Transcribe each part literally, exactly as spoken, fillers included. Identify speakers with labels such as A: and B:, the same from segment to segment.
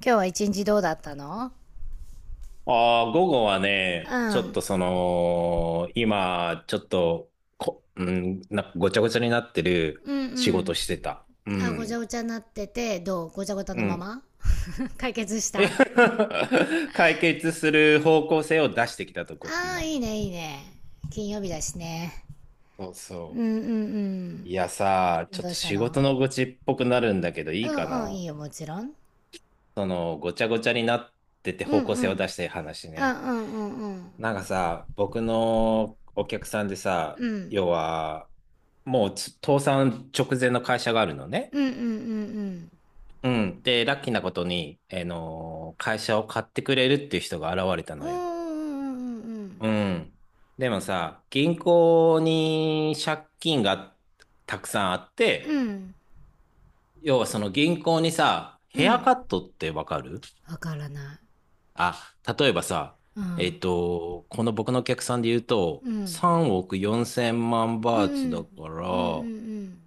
A: 今日は一日どうだったの？
B: ああ、午後は
A: う
B: ね、ちょっ
A: ん。
B: とその、今、ちょっと、こ、うん、なんかごちゃごちゃになってる
A: うんう
B: 仕事
A: ん。
B: してた。う
A: あ、ごちゃ
B: ん。
A: ごちゃになってて、どうごちゃごちゃ
B: う
A: のま
B: ん。
A: ま 解決した？
B: 解決する方向性を出してきたとこ、
A: ああ、
B: 今。
A: いいね、いいね。金曜日だしね。
B: そう
A: うんう
B: そ
A: ん
B: う。いやさ、
A: うん。
B: ちょっ
A: どう
B: と
A: した
B: 仕
A: の？
B: 事の愚痴っぽくなるんだけど、
A: う
B: いいか
A: んうん、い
B: な。
A: いよ、もちろん。
B: その、ごちゃごちゃになってて
A: うん
B: 方
A: う
B: 向性を
A: ん。
B: 出してい話
A: あう
B: ね。
A: んうんうん。
B: なんかさ、僕のお客さんで
A: う
B: さ、
A: ん。
B: 要は、もうつ倒産直前の会社があるのね。
A: うんうんうんうん。
B: うん。で、ラッキーなことに、あのー会社を買ってくれるっていう人が現れた
A: うん
B: の
A: う
B: よ。
A: んうん
B: うん。でもさ、銀行に借金がたくさんあっ
A: うん。う
B: て、
A: ん。
B: 要はその銀行にさ、
A: う
B: ヘア
A: ん。
B: カットってわかる？
A: わからない。
B: あ、例えばさ、
A: う
B: え
A: ん。
B: っと、この僕のお客さんで言うと、
A: うん。
B: さんおくよんせん万
A: うんう
B: バーツだ
A: ん。
B: か
A: うんう
B: ら、
A: ん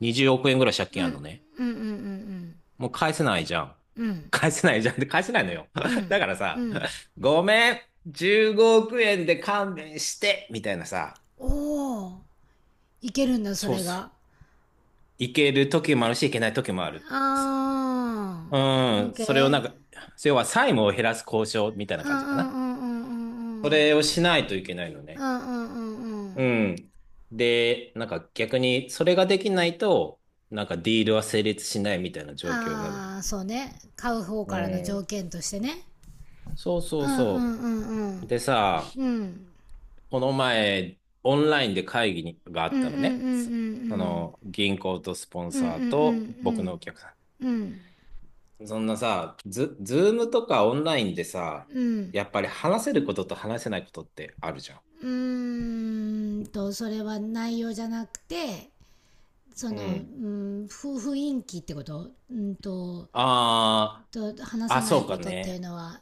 B: にじゅうおく円ぐらい借
A: う
B: 金
A: ん。う
B: ある
A: ん。
B: のね。
A: うんうんうんうん。
B: もう返せないじゃん。
A: うん。
B: 返せないじゃん。で、返せないのよ。
A: う
B: だ
A: ん
B: から
A: う
B: さ、
A: ん。
B: ごめん、じゅうごおく円で勘弁して、みたいなさ、
A: おお、いけるんだそ
B: そう
A: れ
B: そ
A: が。
B: う。いける時もあるし、いけない時もある。
A: あ
B: う
A: ー、
B: ん、それをな
A: OK。
B: んか、要は債務を減らす交渉みたいな
A: うんう
B: 感
A: ん
B: じかな。
A: うんうん
B: そ
A: うん
B: れをしないといけないの
A: うん
B: ね。
A: うんうんうんう
B: う
A: ん。
B: ん。で、なんか逆にそれができないと、なんかディールは成立しないみたいな状況なのよ。
A: ああ、そうね、買う方
B: う
A: からの条
B: ん。
A: 件としてね。
B: そうそ
A: う
B: う
A: んうん
B: そ
A: うんう
B: う。
A: ん
B: でさ、
A: うん
B: この前、オンラインで会議があ
A: う
B: っ
A: んうんう
B: たのね。そ
A: ん
B: の、銀行とスポン
A: うんうんうん
B: サー
A: うんうん
B: と
A: う
B: 僕の
A: ん
B: お客さ
A: うん
B: ん。そんなさ、ズ、ズームとかオンラインでさ、
A: うん。
B: やっぱり話せることと話せないことってあるじゃん。
A: うーんと、それは内容じゃなくて、そ
B: う
A: の、う
B: ん。
A: ん、ふ雰囲気ってこと？うんと、
B: あ
A: と話
B: あ、あ、
A: せない
B: そうか
A: ことっていう
B: ね。
A: のは？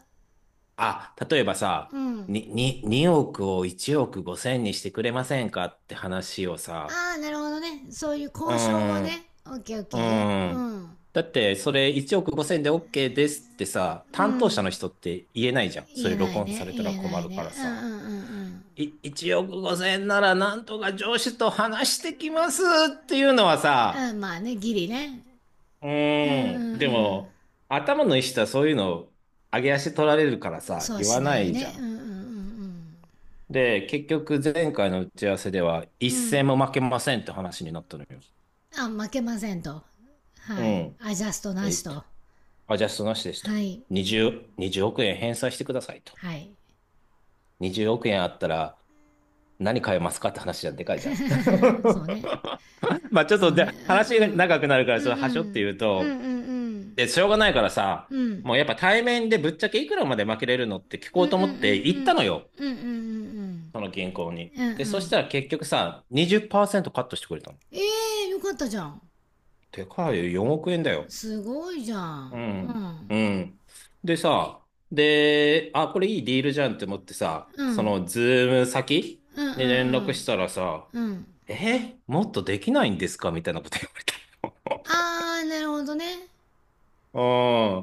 B: あ、例えばさ、
A: うん。
B: に、に、におくをいちおくごせんにしてくれませんかって話をさ、
A: ああ、なるほどね、そういう
B: う
A: 交渉も
B: ーん、う
A: ね。オッケーオッケー。
B: ー
A: う
B: ん。
A: ん
B: だって、それいちおくごせんで OK ですってさ、
A: う
B: 担当者
A: ん。
B: の人って言えないじゃん。そ
A: 言
B: れ
A: えな
B: 録
A: い
B: 音さ
A: ね、
B: れたら
A: 言えな
B: 困
A: い
B: るか
A: ね。
B: ら
A: うんうんう
B: さ。
A: ん
B: い、いちおくごせんならなんとか上司と話してきますっていうのは
A: う
B: さ、
A: んうん。まあねギリね。
B: う
A: うん
B: ーん。で
A: うん
B: も、頭のいい人はそういうの、上げ足取られるから
A: うん。
B: さ、
A: そう
B: 言
A: し
B: わ
A: な
B: な
A: いよ
B: いじゃ
A: ね。うんう
B: ん。
A: んうん
B: で、結局前回の打ち合わせでは一
A: うんうん。
B: 戦も負けませんって話になったのよ。
A: あ、負けませんと。
B: う
A: はい、
B: ん。
A: アジャストな
B: えっ
A: し
B: と、
A: と。
B: アジャストなしですと。
A: はい。
B: にじゅう、にじゅうおく円返済してくださいと。
A: はい。
B: にじゅうおく円あったら何買えますかって話じゃでかいじゃん。
A: そうね。
B: まあちょっ
A: そ
B: と
A: う
B: で
A: ね。う
B: 話が
A: ん
B: 長くなるから、そ
A: う
B: れ
A: んうんう
B: はしょって
A: ん
B: 言う
A: うん
B: と、
A: うん
B: で、しょうがないからさ、
A: うんうん
B: もうやっぱ対面でぶっちゃけいくらまで負けれるのって聞
A: う
B: こ
A: ん
B: う
A: うん
B: と
A: う
B: 思
A: ん
B: って
A: う
B: 行っ
A: ん
B: たのよ。
A: うんうんうん
B: その銀行に。
A: う
B: で、
A: んう
B: そし
A: ん。
B: たら結局さ、にじゅっパーセントカットしてくれたの。
A: え、え、よかったじゃん。
B: でかいよ、よんおく円だよ。
A: すごいじゃ
B: う
A: ん。う
B: ん。う
A: ん
B: ん。でさ、で、あ、これいいディールじゃんって思ってさ、
A: う
B: そ
A: ん
B: のズーム先
A: うんう
B: に連絡
A: ん
B: したらさ、
A: うんうん。
B: え、もっとできないんですかみたいなこと言わ
A: あー、なるほどね。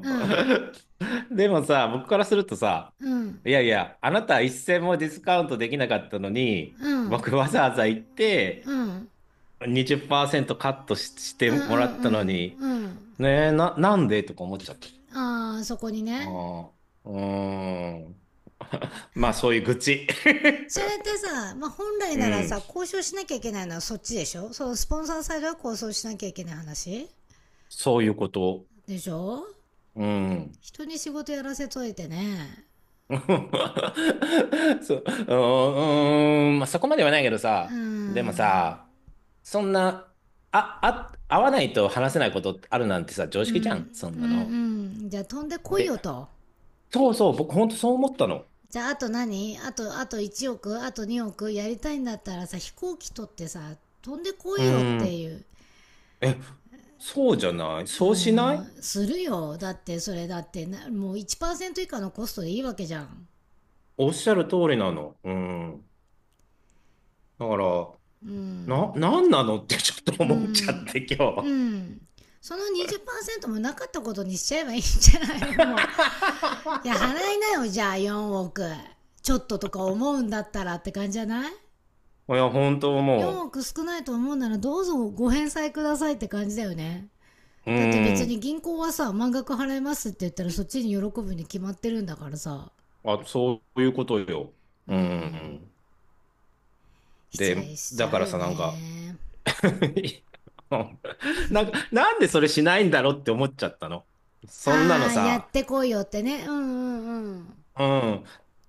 A: うん
B: た。うん。でもさ、僕からするとさ、
A: うん
B: いやいや、あなた一銭もディスカウントできなかったのに、
A: うん
B: 僕わざわざ行って
A: うん
B: にじゅっパーセントカットし、して
A: うんう
B: もら
A: ん
B: っ
A: う
B: たの
A: ん
B: に、
A: うん。
B: ねえ、な、なんでとか思っちゃった。
A: あー、そこにね。
B: ああ、うーん。まあ、そういう愚痴。
A: それってさ、まあ、本 来
B: う
A: なら
B: ん。
A: さ、交渉しなきゃいけないのはそっちでしょ？そのスポンサーサイドは交渉しなきゃいけない話
B: そういうこと。
A: でしょ？
B: うん。
A: 人に仕事やらせといてね。
B: そう、うーん、まあ、そこまではないけど
A: うー
B: さ、でも
A: ん。
B: さ、そんな、あ、あ、会わないと話せないことあるなんてさ、常
A: う
B: 識じゃん、
A: ん
B: そん
A: う
B: なの。
A: んうん。じゃあ飛んでこい
B: で、
A: よと。
B: そうそう、僕ほんとそう思ったの。
A: じゃあ、あと何、あと、あといちおく、あとにおくやりたいんだったらさ、飛行機取ってさ、飛んでこ
B: う
A: いよっ
B: ー
A: て
B: ん。
A: いう。
B: え、そうじゃないそうしない
A: するよ。だってそれ、だってな、もういちパーセント以下のコストでいいわけじゃん。
B: おっしゃる通りなの。うん。だから、な、なんなの ってちょっと
A: う
B: 思っちゃっ
A: ん
B: て今
A: う
B: 日。
A: ん。そのにじっパーセントもなかったことにしちゃえばいいんじゃないの、もう。いや、払い なよ、じゃあよんおくちょっととか思うんだったらって感じじゃない？
B: いや、本当
A: 4
B: も
A: 億少ないと思うならどうぞご返済くださいって感じだよね。
B: う、う
A: だって
B: ー
A: 別
B: ん。
A: に銀行はさ、満額払いますって言ったらそっちに喜ぶに決まってるんだからさ。
B: あ、そういうことよ。
A: う
B: う
A: ん。
B: ん。
A: 失
B: で、
A: 礼しち
B: だ
A: ゃ
B: か
A: う
B: ら
A: よ
B: さ、なんか
A: ね。
B: なんか、なんでそれしないんだろうって思っちゃったの。そんなの
A: ああ、やっ
B: さ、
A: てこいよってね。うんうん
B: うん。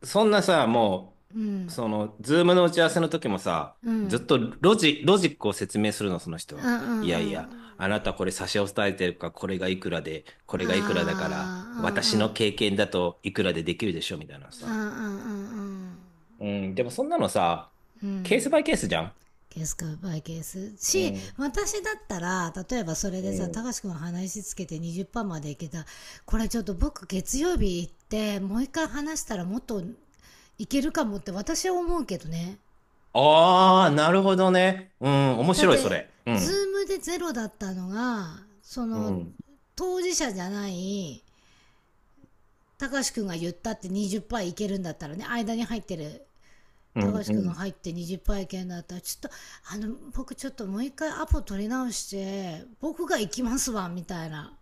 B: そんなさ、も
A: う
B: う、
A: ん
B: その、ズームの打ち合わせの時もさ、
A: う
B: ずっ
A: ん
B: とロジ、ロジックを説明するの、その人
A: う
B: は。
A: んうんう
B: いやい
A: んう
B: や、
A: ん。
B: あなたこれ差し押さえてるから、これがいくらで、こ
A: あ
B: れがいくらだから、
A: あ、う
B: 私
A: んう
B: の
A: ん
B: 経験だといくらでできるでしょ、みたいな
A: うんうん
B: さ。
A: うんうん
B: うん、でもそんなのさ、
A: う
B: ケー
A: ん。
B: スバイケースじゃん。
A: ケースかバイケース。
B: う
A: し、
B: ん、
A: 私だったら、例えばそれ
B: う
A: でさ、た
B: ん。
A: かしくん話つけてにじゅっパーセントまでいけた。これちょっと僕月曜日行って、もう一回話したらもっといけるかもって私は思うけどね。
B: ああ、なるほどね。うん、面
A: だっ
B: 白い、そ
A: て、
B: れ。う
A: ズ
B: ん。
A: ームでゼロだったのが、そ
B: う
A: の、
B: ん、
A: 当事者じゃない、たかしくんが言ったってにじゅっパーセントいけるんだったらね、間に入ってる
B: う
A: 高
B: ん、
A: 橋
B: う
A: 君が
B: ん。
A: 入ってにじゅっぱい券だったら、ちょっと、あの、僕ちょっともう一回アポ取り直して、僕が行きますわ、みたいな。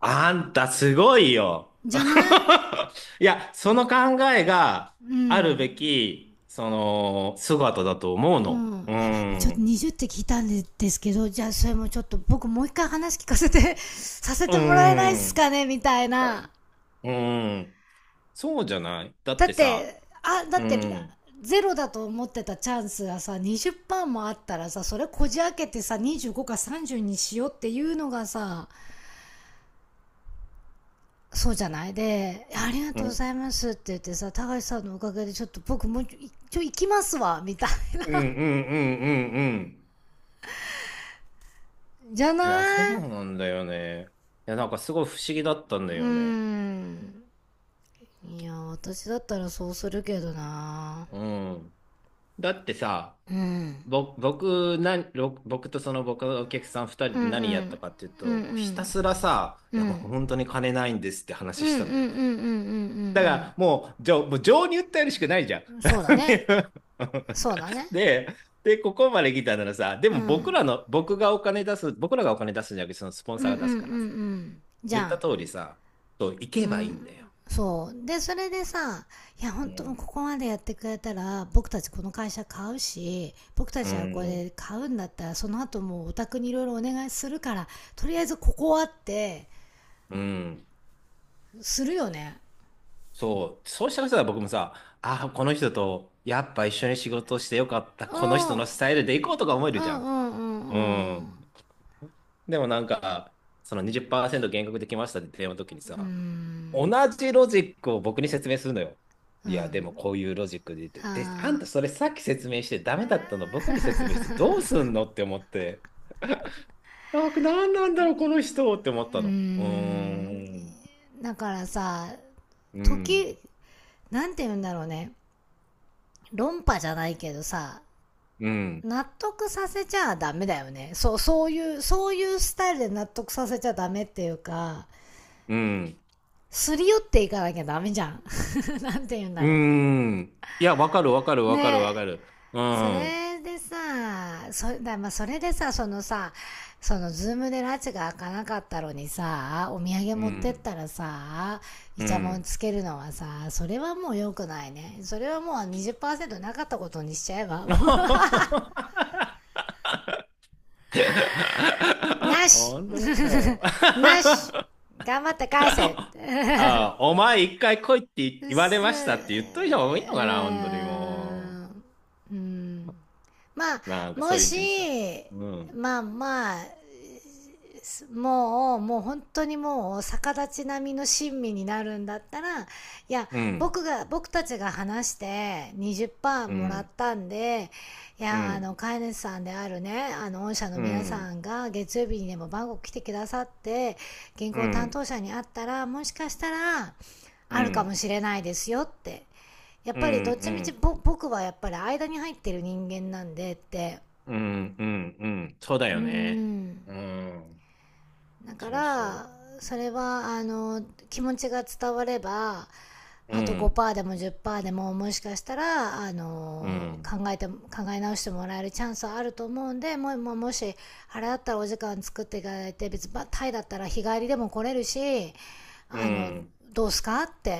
B: あんたすごいよ。
A: じゃない？
B: いや、その考えが
A: う
B: あるべ
A: ん。
B: き、その、姿だと思う
A: う
B: の。
A: ん。
B: う
A: いや、ちょっと
B: ん。
A: にじゅうって聞いたんですけど、じゃあそれもちょっと僕もう一回話聞かせて、 させ
B: う
A: てもらえないっす
B: ん。
A: かね、みたいな。
B: うん。そうじゃないだっ
A: だ
B: て
A: っ
B: さ、
A: て、あ、だ
B: う
A: って、
B: ん。
A: ゼロだと思ってたチャンスがさ、にじゅっパーセントもあったらさ、それこじ開けてさ、にじゅうごかさんじゅうにしようっていうのがさ、そうじゃないで、ありが
B: う
A: とうご
B: ん。
A: ざいますって言ってさ、高橋さんのおかげでちょっと僕もうちょいちょい行きますわ、みたい。
B: うんうんうんうんうん。
A: じゃな
B: いや、そう
A: い？
B: なんだよね。いや、なんかすごい不思議だったんだ
A: うー
B: よね。
A: ん。いや、私だったらそうするけどな。
B: うん。だってさ、
A: うん。
B: ぼ、僕、な、ろ僕とその僕のお客さん二
A: う
B: 人
A: んう
B: で何やった
A: ん。
B: かっていう
A: うんう
B: と、もうひた
A: ん。
B: すらさ、
A: う
B: いやもう
A: ん。
B: 本当に金ないんですって
A: うん
B: 話
A: う
B: し
A: んうん
B: た
A: うん
B: の
A: う
B: よ。
A: んう
B: だか
A: ん
B: らもう、じょ、もう情に訴えるしかないじゃん。
A: うん。そうだね。そうだね。
B: で、で、ここまで来たならさ、で
A: う
B: も僕
A: ん。
B: らの、僕がお金出す、僕らがお金出すんじゃなくて、そのスポン
A: うん
B: サー
A: うん
B: が
A: う
B: 出
A: んう
B: すからさ、
A: ん。じ
B: 言
A: ゃ
B: った
A: ん。
B: 通りさ、そう、行け
A: う
B: ばいいん
A: ん、
B: だよ。
A: そう。で、それでさ、いや、
B: う
A: 本当も
B: ん。
A: ここまでやってくれたら、僕たちこの会社買うし、僕た
B: う
A: ちはこ
B: ん。
A: れ買うんだったら、その後もうお宅にいろいろお願いするから、とりあえずここはって、
B: うん。
A: するよね。
B: そう、そうしたらさ僕もさ、ああ、この人とやっぱ一緒に仕事してよかった、
A: う
B: この
A: ん。
B: 人
A: う
B: の
A: ん
B: スタイルで行こうとか思え
A: う
B: るじゃ
A: ん
B: ん。
A: うん
B: う
A: う
B: ん。
A: ん。
B: でもなんか、そのにじゅっパーセント減額できましたって電話の時にさ、同じロジックを僕に説明するのよ。いや、でもこういうロジックで言って、で、あん
A: あ
B: たそれさっき説明してダメだったの僕に説明してどうすんのって思って、なんか何なんだろう、この人って思っ
A: ー、うー
B: たの。うー
A: ん。
B: ん、
A: だからさ、
B: うん、
A: 時、なんて言うんだろうね。論破じゃないけどさ、
B: うん、
A: 納得させちゃダメだよね。そう、そういう、そういうスタイルで納得させちゃダメっていうか、
B: うん。
A: すり寄っていかなきゃダメじゃん。なんて言うんだ
B: うー
A: ろ
B: ん。いや、わかるわかる
A: う。
B: わか
A: ね
B: るわか
A: え。
B: る。う
A: そ
B: ん。
A: れでさ、そだまあ、それでさ、そのさ、そのズームで拉致が開かなかったのにさ、お土産
B: う
A: 持ってっ
B: ん。
A: たらさ、イ
B: う
A: チャモン
B: ん。
A: つけるのはさ、それはもう良くないね。それはもうにじゅっパーセントなかったことにしちゃえば。なし。
B: 本当だよ。
A: な し。頑張って返せ。
B: ああ、お前一回来いって言われ
A: す、
B: ましたって言っ
A: う
B: といた方がいいのかな、本当にも
A: ん、うん、まあ、
B: う。なんかそ
A: も
B: ういう
A: し、
B: 一日だった。うん。
A: まあまあ、もう、もう本当にもう逆立ち並みの親身になるんだったら、いや、
B: うん。
A: 僕が、僕たちが話してにじゅっパーセント
B: う
A: もらっ
B: ん。
A: たんで、い
B: う
A: や、あ
B: ん。
A: の、飼い主さんであるね、あの、御社の
B: う
A: 皆さ
B: ん。
A: んが月曜日にでも番号来てくださって、銀
B: う
A: 行担
B: ん。
A: 当者に会ったら、もしかしたら、
B: う
A: あるかも
B: ん。
A: しれないですよって、やっ
B: うん。
A: ぱりどっち
B: う
A: み
B: ん。
A: ちぼ僕はやっぱり間に入ってる人間なんでって。
B: うん。うん。うんそうだ
A: うー
B: よね。
A: ん。
B: うん。
A: だか
B: そう
A: ら、
B: そう。
A: それはあの、気持ちが伝われば、
B: う
A: あと
B: ん、
A: ごパーセントでもじゅっパーセントでももしかしたら、あ
B: う
A: の、
B: ん、
A: 考えて考え直してもらえるチャンスはあると思うんで、もう、もう、もしあれだったらお時間作っていただいて、別にまあタイだったら日帰りでも来れるし、
B: う
A: あの、
B: ん。
A: どうすかって、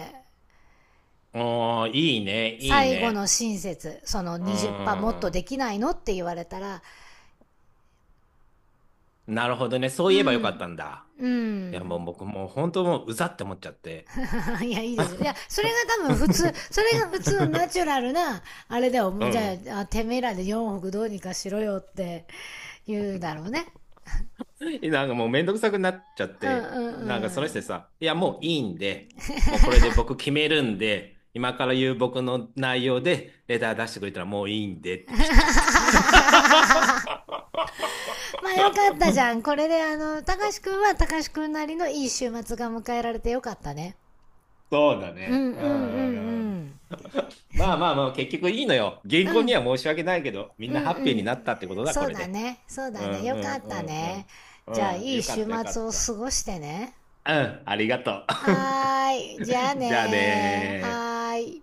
B: おー、いいね、いい
A: 最後の
B: ね。
A: 親切、その
B: う
A: にじゅっパーセントもっと
B: ー
A: で
B: ん。
A: きないのって言われたら。
B: なるほどね。そう
A: う
B: いえばよかっ
A: ん。
B: たんだ。
A: う
B: いや、もう
A: ん。
B: 僕もう本当もううざって思っちゃって。
A: いや、いいでしょ。いや、それが多分普通、それ が普通ナチュラルな、あれだよ。も
B: う
A: う、じゃ
B: ん。
A: あ、てめえらでよんおくどうにかしろよって言うだろうね。
B: なんかもうめんどくさくなっちゃっ
A: うんうん
B: て、なん
A: う
B: かその人に
A: ん。
B: さ、いやもういいんで、もうこれで僕決めるんで、今から言う僕の内容でレター出してくれたらもういいんでって切っちゃっ た。
A: まあよかったじゃ ん。これであの、たかしくんはたかしくんなりのいい週末が迎えられてよかったね。
B: そうだ
A: うんうんう
B: ね。
A: ん
B: うんうんう
A: う
B: ん。
A: ん。
B: まあまあまあ、結局いいのよ。銀行
A: うん、
B: には申し訳ないけど、みん
A: うん
B: な
A: う
B: ハッピーに
A: ん。
B: なったってことだ、
A: そ
B: こ
A: う
B: れ
A: だ
B: で。
A: ね。そう
B: う
A: だね。
B: ん
A: よ
B: う
A: か
B: ん
A: っ
B: う
A: たね。
B: んう
A: じゃあ
B: ん。うん、
A: いい
B: よかっ
A: 週
B: たよか
A: 末
B: っ
A: を
B: た。
A: 過ごしてね。
B: うん、ありがと
A: はーい。じゃあ
B: う。じゃあ
A: ねー。
B: ねー。
A: はーい。